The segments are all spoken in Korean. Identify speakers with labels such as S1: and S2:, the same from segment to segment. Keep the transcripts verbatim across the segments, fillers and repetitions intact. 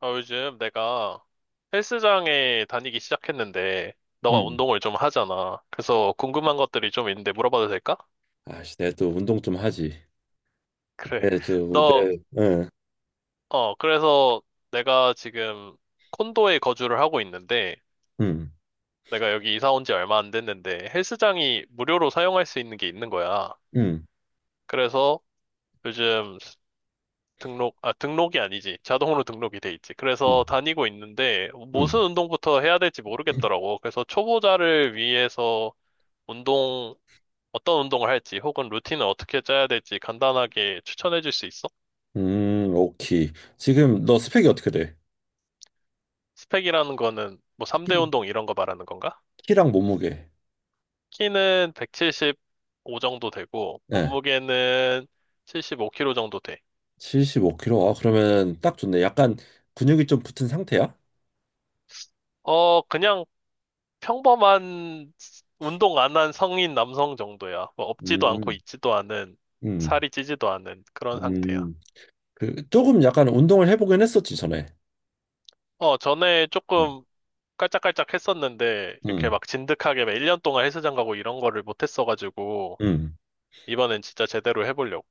S1: 아, 요즘 내가 헬스장에 다니기 시작했는데, 너가
S2: 음.
S1: 운동을 좀 하잖아. 그래서 궁금한 것들이 좀 있는데 물어봐도 될까?
S2: 아씨, 내가 또 운동 좀 하지.
S1: 그래.
S2: 네, 저,
S1: 너,
S2: 내, 예.
S1: 어, 그래서 내가 지금 콘도에 거주를 하고 있는데,
S2: 음.
S1: 내가 여기 이사 온 지 얼마 안 됐는데, 헬스장이 무료로 사용할 수 있는 게 있는 거야.
S2: 음.
S1: 그래서 요즘 등록, 아, 등록이 아니지. 자동으로 등록이 돼 있지.
S2: 음.
S1: 그래서 다니고 있는데, 무슨
S2: 음.
S1: 운동부터 해야 될지 모르겠더라고. 그래서 초보자를 위해서 운동 어떤 운동을 할지 혹은 루틴을 어떻게 짜야 될지 간단하게 추천해 줄 수 있어?
S2: 음. 오케이. 지금 너 스펙이 어떻게 돼?
S1: 스펙이라는 거는 뭐 삼 대
S2: 키,
S1: 운동 이런 거 말하는 건가?
S2: 키랑 몸무게.
S1: 키는 백칠십오 정도 되고
S2: 예,
S1: 몸무게는 칠십오 킬로그램 정도 돼.
S2: 칠십오 킬로그램. 아, 그러면 딱 좋네. 약간 근육이 좀 붙은 상태야?
S1: 어, 그냥 평범한 운동 안 한 성인 남성 정도야. 뭐 없지도 않고
S2: 음.
S1: 있지도 않은
S2: 음.
S1: 살이 찌지도 않은 그런 상태야.
S2: 음. 그, 조금 약간 운동을 해보긴 했었지, 전에.
S1: 어, 전에
S2: 어.
S1: 조금 깔짝깔짝 했었는데 이렇게
S2: 음.
S1: 막 진득하게 막 일 년 동안 헬스장 가고 이런 거를 못 했어가지고
S2: 음.
S1: 이번엔 진짜 제대로 해보려고.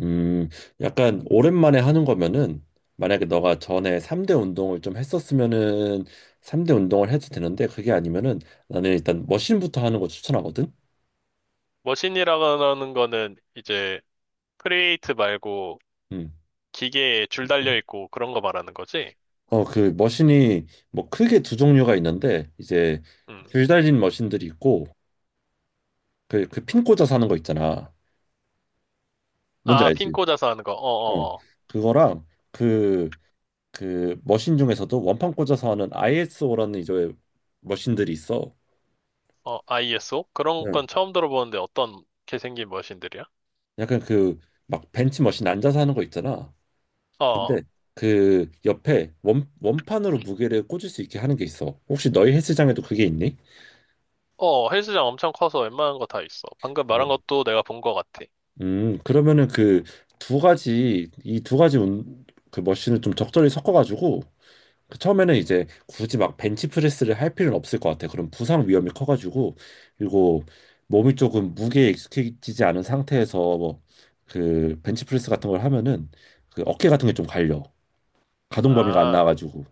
S2: 음, 약간 오랜만에 하는 거면은 만약에 너가 전에 삼대 운동을 좀 했었으면은 삼대 운동을 해도 되는데 그게 아니면은 나는 일단 머신부터 하는 거 추천하거든.
S1: 머신이라는 거는 이제 크리에이트 말고
S2: 음.
S1: 기계에 줄 달려 있고 그런 거 말하는 거지?
S2: 어, 그 머신이 뭐 크게 두 종류가 있는데 이제
S1: 음.
S2: 줄 달린 머신들이 있고 그 그 핀 꽂아서 하는 거 있잖아. 뭔지
S1: 아, 핀
S2: 알지?
S1: 꽂아서 하는 거.
S2: 어.
S1: 어, 어,
S2: 그거랑 그 그 머신 중에서도 원판 꽂아서 하는 아이에스오라는 이제 머신들이 있어.
S1: 어. 어, 아이에스오? 그런
S2: 응.
S1: 건 처음 들어보는데 어떤 게 생긴 머신들이야?
S2: 약간 그 막 벤치머신 앉아서 하는 거 있잖아.
S1: 어,
S2: 근데
S1: 어,
S2: 그 옆에 원 원판으로 무게를 꽂을 수 있게 하는 게 있어. 혹시 너희 헬스장에도 그게 있니?
S1: 어, 헬스장 엄청 커서 웬만한 거 다 있어. 방금 말한
S2: 음.
S1: 것도 내가 본 거 같아.
S2: 음, 그러면은 그 두 가지 이 두 가지 운, 그 머신을 좀 적절히 섞어가지고 그 처음에는 이제 굳이 막 벤치프레스를 할 필요는 없을 것 같아. 그럼 부상 위험이 커가지고, 그리고 몸이 조금 무게에 익숙해지지 않은 상태에서 뭐 그 벤치프레스 같은 걸 하면은 그 어깨 같은 게 좀 갈려. 가동 범위가 안
S1: 아,
S2: 나와가지고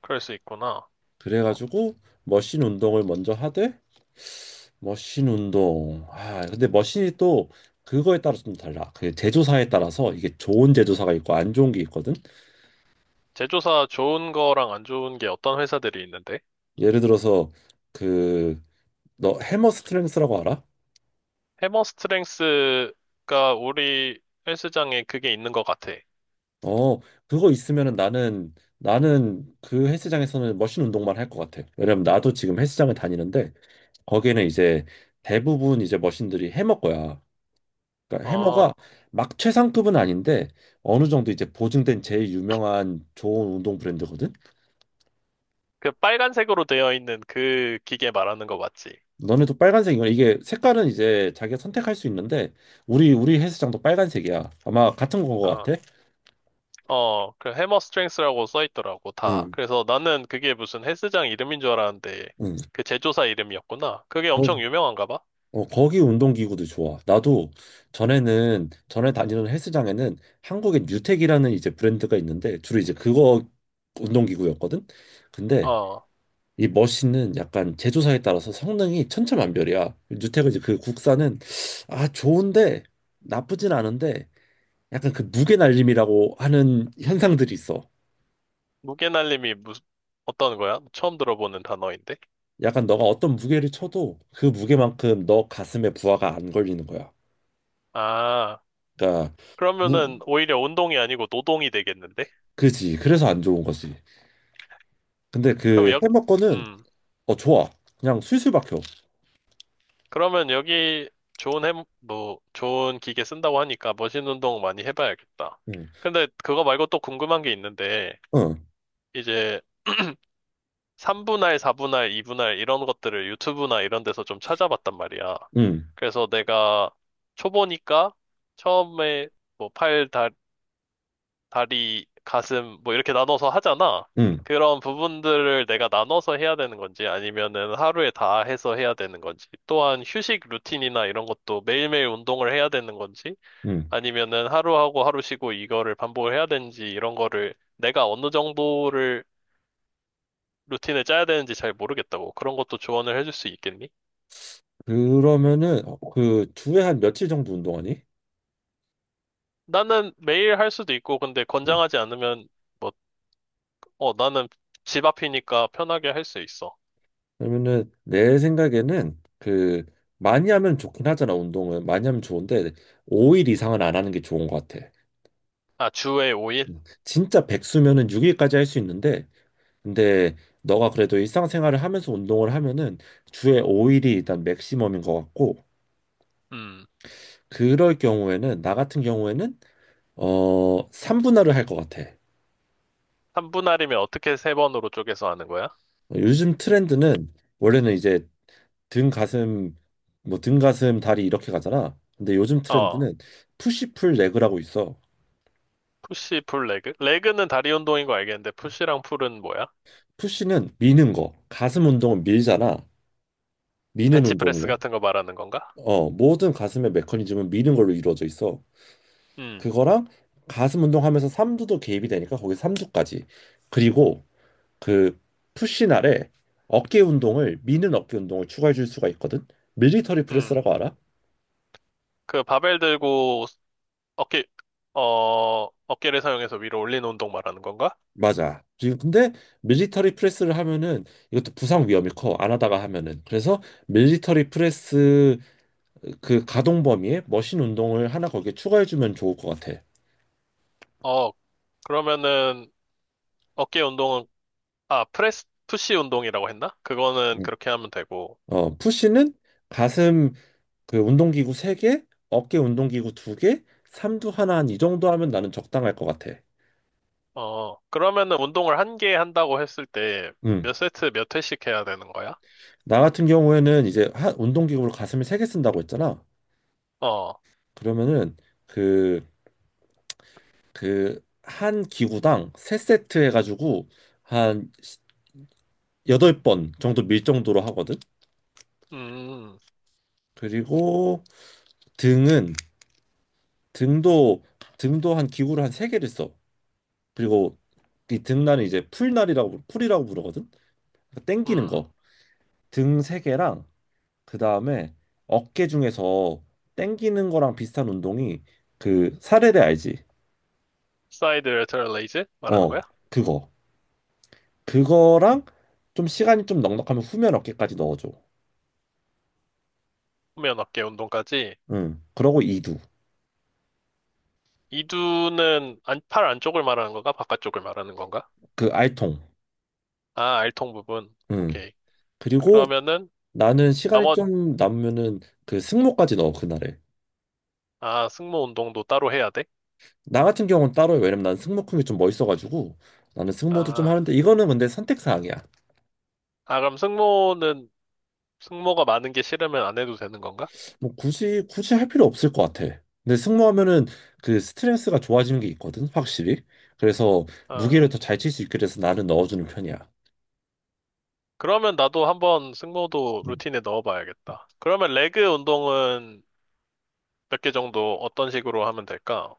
S1: 그럴 수 있구나.
S2: 그래가지고 머신 운동을 먼저 하되, 머신 운동 아 근데 머신이 또 그거에 따라서 좀 달라. 그 제조사에 따라서 이게 좋은 제조사가 있고 안 좋은 게 있거든.
S1: 제조사 좋은 거랑 안 좋은 게 어떤 회사들이 있는데?
S2: 예를 들어서 그 너 해머 스트렝스라고 알아?
S1: 해머 스트렝스가 우리 헬스장에 그게 있는 것 같아.
S2: 어, 그거 있으면은 나는 나는 그 헬스장에서는 머신 운동만 할 것 같아. 왜냐면 나도 지금 헬스장을 다니는데 거기는 이제 대부분 이제 머신들이 해머 거야. 그러니까 해머가
S1: 어,
S2: 막 최상급은 아닌데 어느 정도 이제 보증된 제일 유명한 좋은 운동 브랜드거든.
S1: 그 빨간색으로 되어 있는 그 기계 말하는 거 맞지?
S2: 너네도 빨간색 이거 이게, 색깔은 이제 자기가 선택할 수 있는데 우리 우리 헬스장도 빨간색이야. 아마 같은 거
S1: 어,
S2: 같아.
S1: 어, 그 해머 스트렝스라고 써 있더라고, 다.
S2: 응.
S1: 그래서 나는 그게 무슨 헬스장 이름인 줄 알았는데,
S2: 응.
S1: 그 제조사 이름이었구나. 그게
S2: 거,
S1: 엄청 유명한가 봐?
S2: 어, 거기 운동기구도 좋아. 나도 전에는 전에 다니는 헬스장에는 한국의 뉴텍이라는 이제 브랜드가 있는데 주로 이제 그거 운동기구였거든. 근데
S1: 어,
S2: 이 머신은 약간 제조사에 따라서 성능이 천차만별이야. 누테크 이제 그 국산은 아 좋은데, 나쁘진 않은데 약간 그 무게 날림이라고 하는 현상들이 있어.
S1: 무게날림이 무슨, 어떤 거야? 처음 들어보는 단어인데?
S2: 약간 너가 어떤 무게를 쳐도 그 무게만큼 너 가슴에 부하가 안 걸리는 거야.
S1: 아,
S2: 그러니까 무
S1: 그러면은 오히려 운동이 아니고 노동이 되겠는데?
S2: 그지. 그래서 안 좋은 거지. 근데
S1: 그럼
S2: 그
S1: 역,
S2: 해머 거는
S1: 음.
S2: 어 좋아. 그냥 술술 박혀.
S1: 그러면 여기 좋은 해, 뭐, 좋은 기계 쓴다고 하니까 머신 운동 많이 해봐야겠다.
S2: 응.
S1: 근데 그거 말고 또 궁금한 게 있는데,
S2: 응.
S1: 이제 삼분할, 사분할, 이분할 이런 것들을 유튜브나 이런 데서 좀 찾아봤단 말이야.
S2: 응.
S1: 그래서 내가 초보니까 처음에 뭐 팔, 다 다리, 가슴, 뭐 이렇게 나눠서 하잖아.
S2: 응.
S1: 그런 부분들을 내가 나눠서 해야 되는 건지 아니면은 하루에 다 해서 해야 되는 건지 또한 휴식 루틴이나 이런 것도 매일매일 운동을 해야 되는 건지
S2: 응.
S1: 아니면은 하루하고 하루 쉬고 이거를 반복을 해야 되는지 이런 거를 내가 어느 정도를 루틴을 짜야 되는지 잘 모르겠다고 그런 것도 조언을 해줄 수 있겠니?
S2: 그러면은 그 주에 한 며칠 정도 운동하니?
S1: 나는 매일 할 수도 있고 근데
S2: 응.
S1: 권장하지 않으면 뭐, 어, 나는 집 앞이니까 편하게 할 수 있어.
S2: 그러면은 내 생각에는 그 많이 하면 좋긴 하잖아. 운동은 많이 하면 좋은데 오 일 이상은 안 하는 게 좋은 것 같아.
S1: 아, 주에 오 일?
S2: 음. 진짜 백수면은 육 일까지 할 수 있는데, 근데 너가 그래도 일상생활을 하면서 운동을 하면은 주에 오 일이 일단 맥시멈인 것 같고, 그럴 경우에는 나 같은 경우에는 어 삼 분할을 할 것 같아.
S1: 삼분할이면 어떻게 세번으로 쪼개서 하는 거야?
S2: 어, 요즘 트렌드는 원래는 이제 등 가슴 뭐 등 가슴 다리 이렇게 가잖아. 근데 요즘
S1: 어,
S2: 트렌드는 푸시풀 레그라고 있어.
S1: 푸시, 풀, 레그? 레그는 다리 운동인 거 알겠는데, 푸시랑 풀은 뭐야?
S2: 푸시는 미는 거. 가슴 운동은 밀잖아. 미는
S1: 벤치프레스
S2: 운동이야.
S1: 같은 거 말하는 건가?
S2: 어, 모든 가슴의 메커니즘은 미는 걸로 이루어져 있어.
S1: 음,
S2: 그거랑 가슴 운동하면서 삼두도 개입이 되니까 거기 삼두까지. 그리고 그 푸시 날에 어깨 운동을 미는 어깨 운동을 추가해 줄 수가 있거든. 밀리터리
S1: 음.
S2: 프레스라고 알아?
S1: 그 바벨 들고 어깨, 어, 어깨를 사용해서 위로 올리는 운동 말하는 건가?
S2: 맞아. 지금 근데 밀리터리 프레스를 하면은 이것도 부상 위험이 커. 안 하다가 하면은. 그래서 밀리터리 프레스 그 가동 범위에 머신 운동을 하나 거기에 추가해 주면 좋을 것 같아.
S1: 어, 그러면은 어깨 운동은, 아, 프레스, 푸시 운동이라고 했나? 그거는
S2: 음.
S1: 그렇게 하면 되고,
S2: 어, 푸시는 가슴 그 운동기구 세개, 어깨 운동기구 두개, 삼두 하나, 한 이 정도 하면 나는 적당할 것 같아.
S1: 어, 그러면은 운동을 한 개 한다고 했을 때
S2: 음.
S1: 몇 세트 몇 회씩 해야 되는 거야?
S2: 나 같은 경우에는 이제 한 운동기구를 가슴에 세 개 쓴다고 했잖아.
S1: 어,
S2: 그러면은 그 그 한 기구당 세세트 해가지고 한 여덟 번 정도 밀 정도로 하거든.
S1: 음,
S2: 그리고 등은 등도 등도 한 기구를 한 세개를 써. 그리고 이 등날은 이제 풀날이라고 풀이라고 부르거든. 그러니까 땡기는
S1: 음.
S2: 거. 등 세 개랑 그다음에 어깨 중에서 땡기는 거랑 비슷한 운동이 그 사레레 알지?
S1: 사이드 레터럴 레이즈 말하는
S2: 어,
S1: 거야?
S2: 그거. 그거랑, 좀 시간이 좀 넉넉하면 후면 어깨까지 넣어줘.
S1: 후면 어깨 운동까지.
S2: 응. 그러고 이두.
S1: 이두는 안, 팔 안쪽을 말하는 건가? 바깥쪽을 말하는 건가?
S2: 그 알통.
S1: 아, 알통 부분.
S2: 응.
S1: 오케이.
S2: 그리고
S1: 그러면은
S2: 나는 시간이
S1: 나머
S2: 좀 남으면은 그 승모까지 넣어 그날에.
S1: 아, 승모 운동도 따로 해야 돼?
S2: 나 같은 경우는 따로 해. 왜냐면 난 승모 큰 게 좀 멋있어가지고 나는 승모도 좀
S1: 아,
S2: 하는데 이거는 근데 선택 사항이야.
S1: 아 그럼 승모는 승모가 많은 게 싫으면 안 해도 되는 건가?
S2: 뭐 굳이 굳이 할 필요 없을 것 같아. 근데 승모하면은 그 스트레스가 좋아지는 게 있거든, 확실히. 그래서
S1: 아,
S2: 무게를 더 잘 칠 수 있게 돼서 나는 넣어주는 편이야.
S1: 그러면 나도 한번 승모도
S2: 음.
S1: 루틴에 넣어봐야겠다. 그러면 레그 운동은 몇 개 정도 어떤 식으로 하면 될까?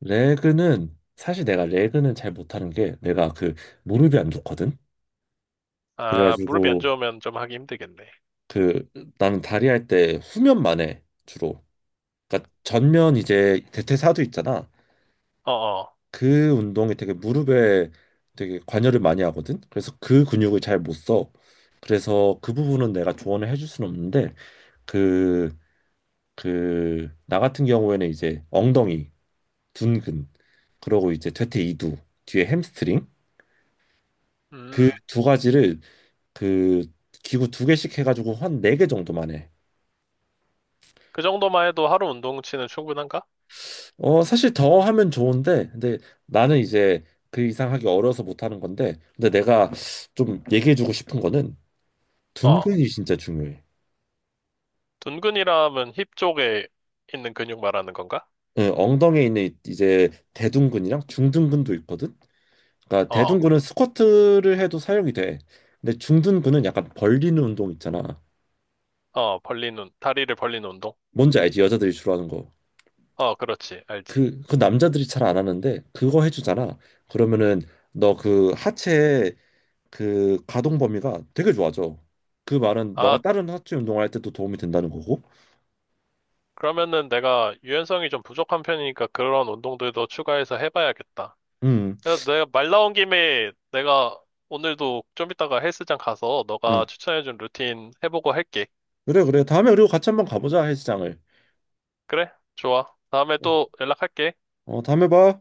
S2: 레그는 사실 내가 레그는 잘 못하는 게, 내가 그 무릎이 안 좋거든.
S1: 아, 무릎이 안
S2: 그래가지고
S1: 좋으면 좀 하기 힘들겠네.
S2: 그 나는 다리 할 때 후면만 해 주로. 그러니까 전면 이제 대퇴사두 있잖아.
S1: 어어.
S2: 그 운동이 되게 무릎에 되게 관여를 많이 하거든. 그래서 그 근육을 잘 못 써. 그래서 그 부분은 내가 조언을 해줄 수는 없는데, 그 그 나 같은 경우에는 이제 엉덩이, 둔근, 그러고 이제 퇴퇴 이두, 뒤에 햄스트링, 그
S1: 음.
S2: 두 가지를 그 기구 두 개씩 해가지고 한 네 개 정도만 해.
S1: 그 정도만 해도 하루 운동치는 충분한가?
S2: 어 사실 더 하면 좋은데 근데 나는 이제 그 이상 하기 어려워서 못 하는 건데, 근데 내가 좀 얘기해주고 싶은 거는
S1: 어.
S2: 둔근이 진짜 중요해.
S1: 둔근이라면 힙 쪽에 있는 근육 말하는 건가?
S2: 예, 엉덩이에 있는 이- 제 대둔근이랑 중둔근도 있거든. 그러니까
S1: 어.
S2: 대둔근은 스쿼트를 해도 사용이 돼. 근데 중둔근은 약간 벌리는 운동 있잖아.
S1: 어, 벌리는, 다리를 벌리는 운동?
S2: 뭔지 알지? 여자들이 주로 하는 거.
S1: 어, 그렇지. 알지.
S2: 그, 그 남자들이 잘 안 하는데 그거 해주잖아. 그러면은 너 그 하체의 그 가동 범위가 되게 좋아져. 그 말은
S1: 아,
S2: 너가 다른 하체 운동할 때도 도움이 된다는 거고.
S1: 그러면은 내가 유연성이 좀 부족한 편이니까 그런 운동들도 추가해서 해봐야겠다.
S2: 음.
S1: 야, 내가 말 나온 김에 내가 오늘도 좀 이따가 헬스장 가서 너가
S2: 음.
S1: 추천해준 루틴 해보고 할게.
S2: 그래, 그래. 다음에 그리고 같이 한번 가보자, 헬스장을.
S1: 그래? 좋아. 다음에 또 연락할게.
S2: 어, 다음에 봐.